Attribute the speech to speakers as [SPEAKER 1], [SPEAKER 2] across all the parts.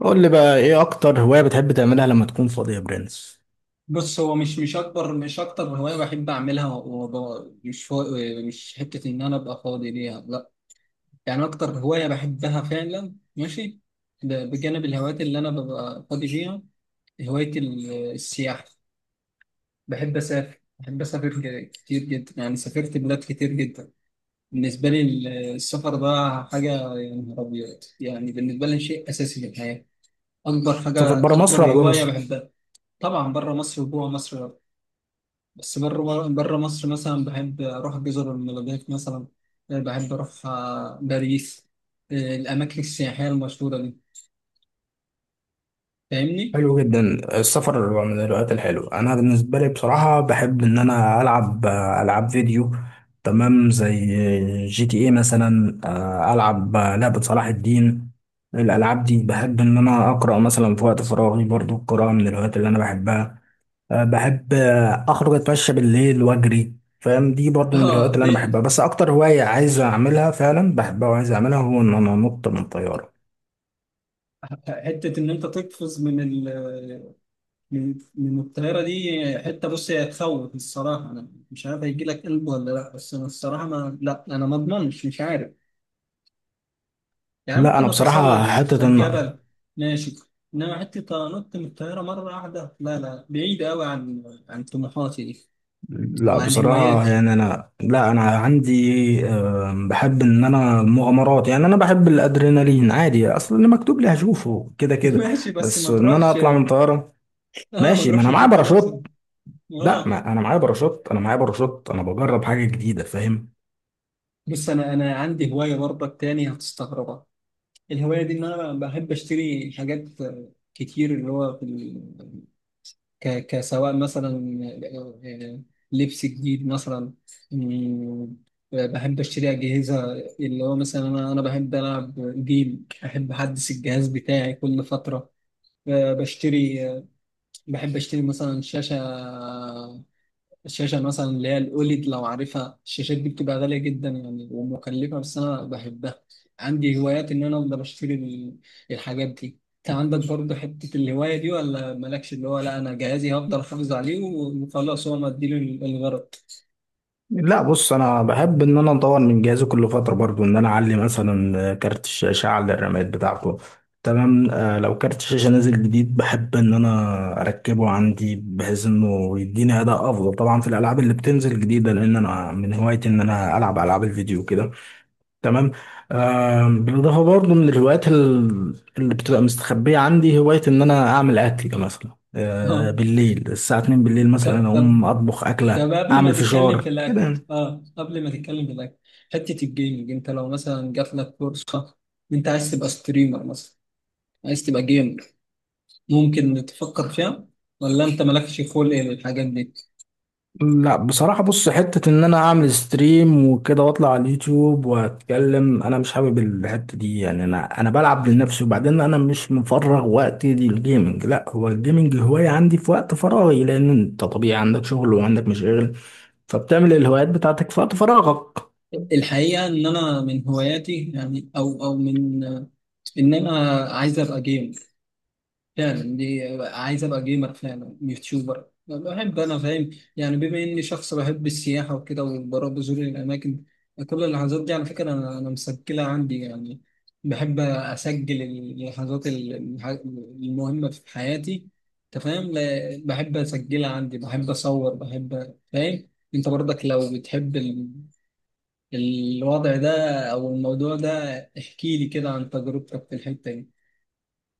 [SPEAKER 1] قول لي بقى ايه اكتر هواية بتحب تعملها لما تكون فاضي يا برنس؟
[SPEAKER 2] بص، هو مش اكبر، مش اكتر هوايه بحب اعملها. مش حته ان انا ابقى فاضي ليها. لا، يعني اكتر هوايه بحبها فعلا. ماشي، ده بجانب الهوايات اللي انا ببقى فاضي ليها. هوايه السياحه. بحب اسافر، بحب اسافر كتير جدا. يعني سافرت بلاد كتير جدا. بالنسبه لي السفر ده حاجه، يا نهار ابيض. يعني بالنسبه لي شيء اساسي في الحياه. اكبر
[SPEAKER 1] سفر
[SPEAKER 2] حاجه،
[SPEAKER 1] برا مصر
[SPEAKER 2] اكبر
[SPEAKER 1] ولا جوه
[SPEAKER 2] هوايه
[SPEAKER 1] مصر؟
[SPEAKER 2] بحبها. طبعا بره مصر وجوه مصر. بس بره مصر مثلا بحب أروح جزر المالديف مثلا. بحب أروح باريس. الأماكن السياحية المشهورة دي. فاهمني؟
[SPEAKER 1] حلو جدا. السفر من الهوايات الحلوة، انا بالنسبة لي بصراحة بحب ان انا العب العاب فيديو، تمام، زي جي تي ايه مثلا. العب لعبة صلاح الدين. الالعاب دي بحب ان انا اقرا مثلا في وقت فراغي، برضو القراءة من الهوايات اللي انا بحبها. بحب اخرج اتمشى بالليل واجري، فاهم؟ دي برضو من الهوايات
[SPEAKER 2] اه
[SPEAKER 1] اللي انا
[SPEAKER 2] إيه،
[SPEAKER 1] بحبها، بس اكتر هواية عايز اعملها فعلا، بحبها وعايز اعملها، هو ان انا انط من طيارة.
[SPEAKER 2] حتة إن أنت تقفز من ال من من الطيارة دي. حتة، بص، هي تخوف الصراحة. أنا مش عارف هيجي لك قلب ولا لأ، بس أنا الصراحة، ما لأ، أنا ما أضمنش، مش عارف. يعني
[SPEAKER 1] لا انا
[SPEAKER 2] ممكن
[SPEAKER 1] بصراحة
[SPEAKER 2] أتسلق
[SPEAKER 1] حتة ان
[SPEAKER 2] الجبل، ماشي. إنما حتة أنط من الطيارة مرة واحدة، لا لا، بعيدة أوي عن طموحاتي دي، او
[SPEAKER 1] لا
[SPEAKER 2] عن
[SPEAKER 1] بصراحة
[SPEAKER 2] هواياتي.
[SPEAKER 1] يعني انا، لا انا عندي، بحب ان انا مغامرات، يعني انا بحب الادرينالين عادي، اصلا اللي مكتوب لي هشوفه كده كده.
[SPEAKER 2] ماشي، بس
[SPEAKER 1] بس
[SPEAKER 2] ما
[SPEAKER 1] ان انا
[SPEAKER 2] تروحش.
[SPEAKER 1] اطلع من طيارة.
[SPEAKER 2] اه، ما
[SPEAKER 1] ماشي، ما
[SPEAKER 2] تروحش
[SPEAKER 1] انا معايا
[SPEAKER 2] ترمي نفسك.
[SPEAKER 1] باراشوت. لا،
[SPEAKER 2] اه.
[SPEAKER 1] ما انا معايا باراشوت، انا معايا باراشوت، انا بجرب حاجة جديدة، فاهم؟
[SPEAKER 2] بس انا عندي هوايه برضك تاني هتستغربها. الهوايه دي ان انا بحب اشتري حاجات كتير، اللي هو كسواء مثلا، آه، آه، لبس جديد مثلا. مم، بحب اشتري اجهزه. اللي هو مثلا انا بحب العب جيم. بحب احدث الجهاز بتاعي كل فتره. بشتري بحب اشتري مثلا شاشه. الشاشة مثلا اللي هي الأوليد لو عارفها. الشاشات دي بتبقى غالية جدا يعني ومكلفة، بس أنا بحبها. عندي هوايات إن أنا أفضل أشتري الحاجات دي. أنت عندك برضه حتة الهواية دي ولا مالكش؟ اللي هو لا، أنا جهازي هفضل أحافظ عليه وخلاص، هو مديله الغرض.
[SPEAKER 1] لا بص، انا بحب ان انا اطور من جهازي كل فتره برضو، ان انا اعلي مثلا كارت الشاشه، اعلى الرامات بتاعته. تمام. لو كارت الشاشه نازل جديد، بحب ان انا اركبه عندي، بحيث انه يديني اداء افضل طبعا في الالعاب اللي بتنزل جديده، لان انا من هوايتي ان انا العب العاب الفيديو كده. تمام. بالاضافه برضو من الهوايات اللي بتبقى مستخبيه عندي، هوايه ان انا اعمل اكل مثلا،
[SPEAKER 2] آه.
[SPEAKER 1] بالليل الساعه 2
[SPEAKER 2] طب
[SPEAKER 1] بالليل مثلا،
[SPEAKER 2] طب
[SPEAKER 1] اقوم اطبخ اكله،
[SPEAKER 2] طب قبل ما
[SPEAKER 1] اعمل
[SPEAKER 2] تتكلم في
[SPEAKER 1] فشار كده
[SPEAKER 2] الأكل،
[SPEAKER 1] يعني.
[SPEAKER 2] قبل ما تتكلم في الأكل حتة الجيمنج، أنت لو مثلا جات لك فرصة، أنت عايز تبقى ستريمر مثلا، عايز تبقى جيمر، ممكن نتفكر فيها، ولا انت مالكش خلق للحاجات دي؟
[SPEAKER 1] لا بصراحة، بص، حتة ان انا اعمل ستريم وكده واطلع على اليوتيوب واتكلم، انا مش حابب الحتة دي يعني. انا بلعب لنفسي، وبعدين انا مش مفرغ وقتي للجيمنج. لا، هو الجيمنج هواية عندي في وقت فراغي، لان انت طبيعي عندك شغل وعندك مشاغل، فبتعمل الهوايات بتاعتك في وقت فراغك.
[SPEAKER 2] الحقيقه ان انا من هواياتي يعني، او من ان انا عايز ابقى جيم عايز ابقى جيمر فعلا، يوتيوبر، بحب انا، فاهم؟ يعني بما اني شخص بحب السياحه وكده، وبروح بزور الاماكن. كل اللحظات دي على فكره انا مسجلها عندي يعني. بحب اسجل اللحظات المهمه في حياتي. انت فاهم؟ بحب اسجلها عندي، بحب اصور، بحب، فاهم. انت برضك لو بتحب الوضع ده، او الموضوع ده، احكي لي كده عن تجربتك في الحته دي.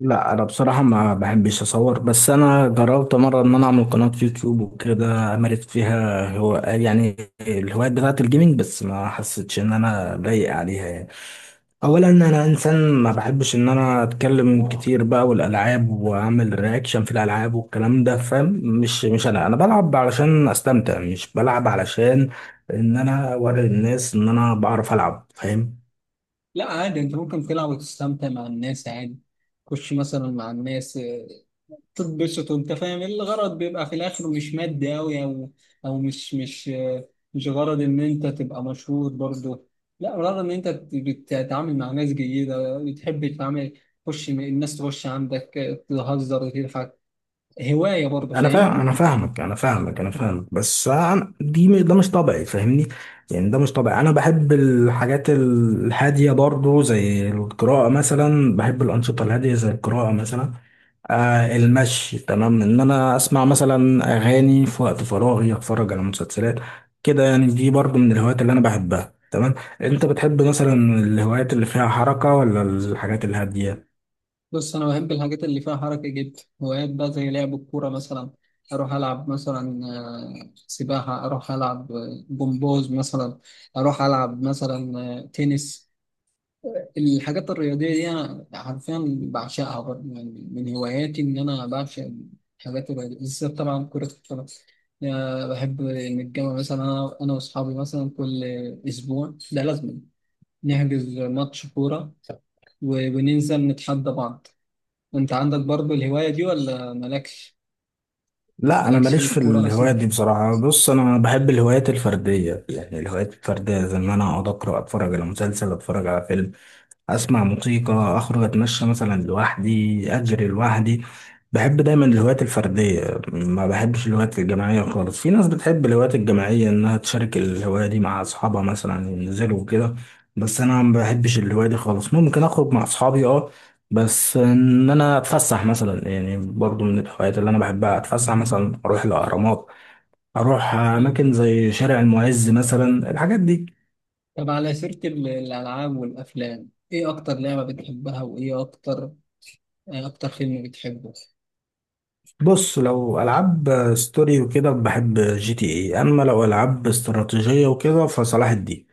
[SPEAKER 1] لا انا بصراحه ما بحبش اصور، بس انا جربت مره ان انا اعمل قناه يوتيوب وكده، مارست فيها هو يعني الهوايات بتاعه الجيمنج، بس ما حسيتش ان انا لايق عليها يعني. اولا انا انسان ما بحبش ان انا اتكلم كتير بقى والالعاب واعمل رياكشن في الالعاب والكلام ده، فاهم؟ مش انا بلعب علشان استمتع، مش بلعب علشان ان انا اوري الناس ان انا بعرف العب، فاهم؟
[SPEAKER 2] لا، عادي، انت ممكن تلعب وتستمتع مع الناس عادي. خش مثلا مع الناس، تتبسط، وانت فاهم الغرض بيبقى في الاخر مش مادي اوي، او مش غرض ان انت تبقى مشهور برضه. لا، غرض ان انت بتتعامل مع ناس جيدة، بتحب تتعامل. تخش الناس، تخش عندك، تهزر وتضحك. هواية برضه،
[SPEAKER 1] انا فاهم،
[SPEAKER 2] فاهمني؟
[SPEAKER 1] انا فاهمك انا فاهمك انا فاهمك، بس أنا دي ده مش طبيعي فاهمني. يعني ده مش طبيعي، انا بحب الحاجات الهاديه برضو، زي القراءه مثلا، بحب الانشطه الهاديه زي القراءه مثلا. آه المشي، تمام، ان انا اسمع مثلا اغاني في وقت فراغي، اتفرج على مسلسلات كده يعني، دي برضو من الهوايات اللي انا بحبها تمام. انت بتحب مثلا الهوايات اللي فيها حركه ولا الحاجات الهاديه؟
[SPEAKER 2] بص، أنا بحب الحاجات اللي فيها حركة جدا. هوايات بقى زي لعب الكورة مثلا. أروح ألعب مثلا سباحة، أروح ألعب جمباز مثلا، أروح ألعب مثلا تنس. الحاجات الرياضية دي أنا حرفيا بعشقها برضه. يعني من هواياتي إن أنا بعشق الحاجات الرياضية، بالذات طبعا كرة القدم. أنا بحب نتجمع مثلا، أنا وأصحابي مثلا كل أسبوع، ده لازم نحجز ماتش كورة، وننزل نتحدى بعض. أنت عندك برضه الهواية دي ولا مالكش؟
[SPEAKER 1] لا انا
[SPEAKER 2] مالكش في
[SPEAKER 1] ماليش في
[SPEAKER 2] الكورة
[SPEAKER 1] الهوايات
[SPEAKER 2] أصلا؟
[SPEAKER 1] دي بصراحه. بص، انا بحب الهوايات الفرديه يعني، الهوايات الفرديه زي ان انا اقعد اقرا، اتفرج على مسلسل، اتفرج على فيلم، اسمع موسيقى، اخرج اتمشى مثلا لوحدي، اجري لوحدي. بحب دايما الهوايات الفرديه، ما بحبش الهوايات الجماعيه خالص. في ناس بتحب الهوايات الجماعيه، انها تشارك الهوايه دي مع اصحابها مثلا، ينزلوا وكده، بس انا ما بحبش الهوايه دي خالص. ممكن اخرج مع اصحابي، اه، بس ان انا اتفسح مثلا، يعني برضو من الهوايات اللي انا بحبها، اتفسح مثلا، اروح الاهرامات، اروح
[SPEAKER 2] آه.
[SPEAKER 1] اماكن زي شارع المعز مثلا، الحاجات دي.
[SPEAKER 2] طب، على سيرة الألعاب والأفلام، إيه أكتر لعبة بتحبها، وإيه أكتر فيلم بتحبه؟
[SPEAKER 1] بص، لو العاب ستوري وكده بحب جي تي اي، اما لو العاب استراتيجيه وكده فصلاح الدين.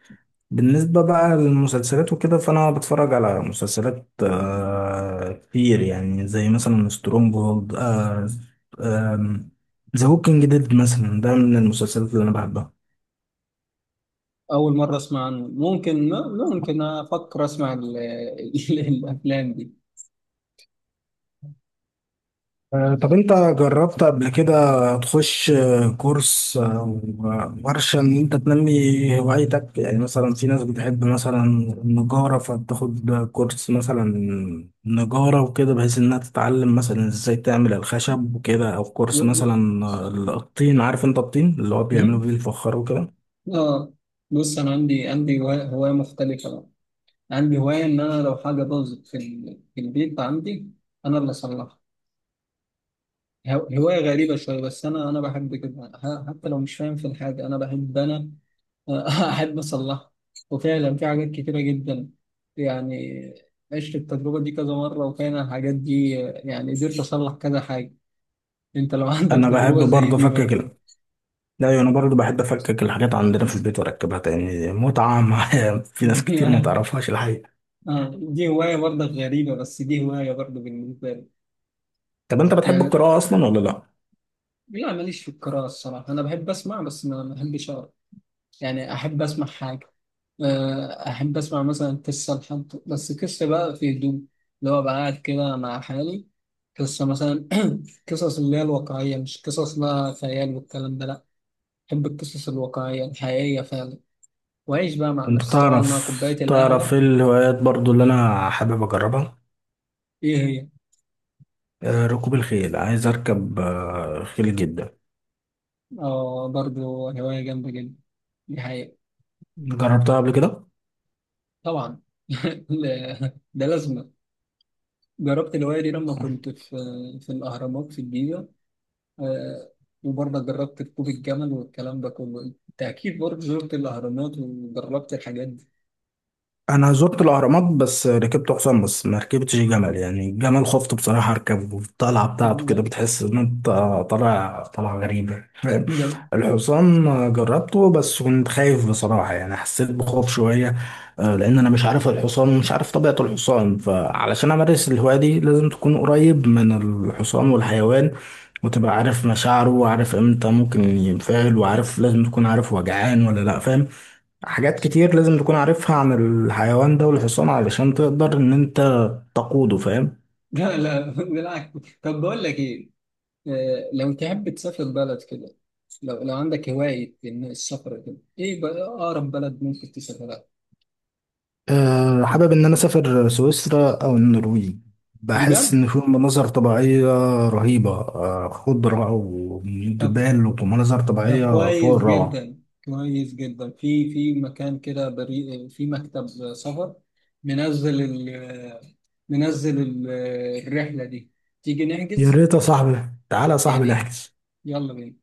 [SPEAKER 1] بالنسبه بقى للمسلسلات وكده، فانا بتفرج على مسلسلات كتير يعني، زي مثلا سترونج هولد، ذا هوكينج ديد مثلا، ده من المسلسلات اللي انا بحبها.
[SPEAKER 2] أول مرة أسمع عنه. ممكن أفكر أسمع الأفلام دي.
[SPEAKER 1] طب انت جربت قبل كده تخش كورس او ورشة ان انت تنمي هوايتك؟ يعني مثلا في ناس بتحب مثلا النجارة، فبتاخد كورس مثلا نجارة وكده، بحيث انها تتعلم مثلا ازاي تعمل الخشب وكده، او
[SPEAKER 2] و-
[SPEAKER 1] كورس
[SPEAKER 2] و-
[SPEAKER 1] مثلا الطين، عارف انت الطين اللي هو بيعملوا بيه الفخار وكده.
[SPEAKER 2] آه بص، أنا عندي هواية مختلفة بقى. عندي هواية إن أنا لو حاجة باظت في البيت عندي، أنا اللي أصلحها. هواية غريبة شوية، بس أنا بحب كده، حتى لو مش فاهم في الحاجة، أنا بحب أنا أحب أصلحها. وفعلا في حاجات كتيرة جدا يعني، عشت التجربة دي كذا مرة، وكان الحاجات دي يعني قدرت أصلح كذا حاجة. انت لو عندك
[SPEAKER 1] انا بحب
[SPEAKER 2] تجربة زي
[SPEAKER 1] برضه
[SPEAKER 2] دي
[SPEAKER 1] افكك
[SPEAKER 2] برضه؟
[SPEAKER 1] لا ايوه، انا برضه بحب افكك الحاجات عندنا في البيت واركبها تاني، متعة معايا في ناس كتير ما تعرفهاش الحقيقة.
[SPEAKER 2] دي هواية برضه غريبة، بس دي هواية برضه بالنسبة لي،
[SPEAKER 1] طب انت بتحب
[SPEAKER 2] يعني.
[SPEAKER 1] القراءة اصلا ولا لا؟
[SPEAKER 2] لا، ماليش في القراءة الصراحة. أنا بحب أسمع، بس ما بحبش أقرأ. يعني أحب أسمع حاجة، أحب أسمع مثلا قصة، لحد، بس قصة بقى في هدوء، اللي هو بقى قاعد كده مع حالي، قصة مثلا، قصص اللي هي الواقعية، مش قصص بقى خيال والكلام ده، لا. بحب القصص الواقعية الحقيقية فعلا، وأعيش بقى مع
[SPEAKER 1] انت
[SPEAKER 2] نفسي، طبعا
[SPEAKER 1] تعرف،
[SPEAKER 2] مع كوباية
[SPEAKER 1] تعرف
[SPEAKER 2] القهوة.
[SPEAKER 1] ايه الهوايات برضو اللي انا حابب اجربها؟
[SPEAKER 2] إيه هي؟
[SPEAKER 1] ركوب الخيل، عايز اركب خيل جدا.
[SPEAKER 2] اه، برضه هواية جامدة جدا دي، حقيقة.
[SPEAKER 1] جربتها قبل كده؟
[SPEAKER 2] طبعا. ده لازمة. جربت الهواية دي لما كنت في الأهرامات في الجيزة. آه، وبرضه جربت ركوب الجمل والكلام ده كله. أنت أكيد برضه زرت الأهرامات وجربت الحاجات دي.
[SPEAKER 1] انا زرت الاهرامات بس ركبت حصان، بس ما ركبتش جمل يعني. الجمل خفت بصراحه اركبه، الطلعه بتاعته كده بتحس ان انت طالع طلعه غريبه، فاهم؟
[SPEAKER 2] ده-
[SPEAKER 1] الحصان جربته بس كنت خايف بصراحه يعني، حسيت بخوف شويه. لان انا مش عارف الحصان ومش عارف طبيعه الحصان، فعلشان امارس الهوايه دي لازم تكون قريب من الحصان والحيوان، وتبقى عارف مشاعره، وعارف امتى ممكن ينفعل، وعارف لازم تكون عارف هو جعان ولا لا، فاهم؟ حاجات كتير لازم تكون عارفها عن الحيوان ده والحصان، علشان تقدر ان انت تقوده، فاهم؟
[SPEAKER 2] لا لا، بالعكس. طب بقول لك إيه، لو تحب تسافر بلد كده، لو عندك هواية إن السفر كده، إيه بقى أقرب بلد ممكن تسافرها؟
[SPEAKER 1] أه حابب ان انا اسافر سويسرا او النرويج، بحس
[SPEAKER 2] بجد؟
[SPEAKER 1] ان فيهم مناظر طبيعية رهيبة، أه، خضرة
[SPEAKER 2] طب،
[SPEAKER 1] وجبال ومناظر طبيعية
[SPEAKER 2] كويس
[SPEAKER 1] فوق الروعة.
[SPEAKER 2] جدا، كويس جدا. في مكان كده بريء، في مكتب سفر، منزل ال منزل الرحلة دي، تيجي
[SPEAKER 1] يا
[SPEAKER 2] نحجز؟
[SPEAKER 1] ريت يا صاحبي، تعالى يا
[SPEAKER 2] يا
[SPEAKER 1] صاحبي
[SPEAKER 2] ريت،
[SPEAKER 1] نحجز.
[SPEAKER 2] يلا بينا.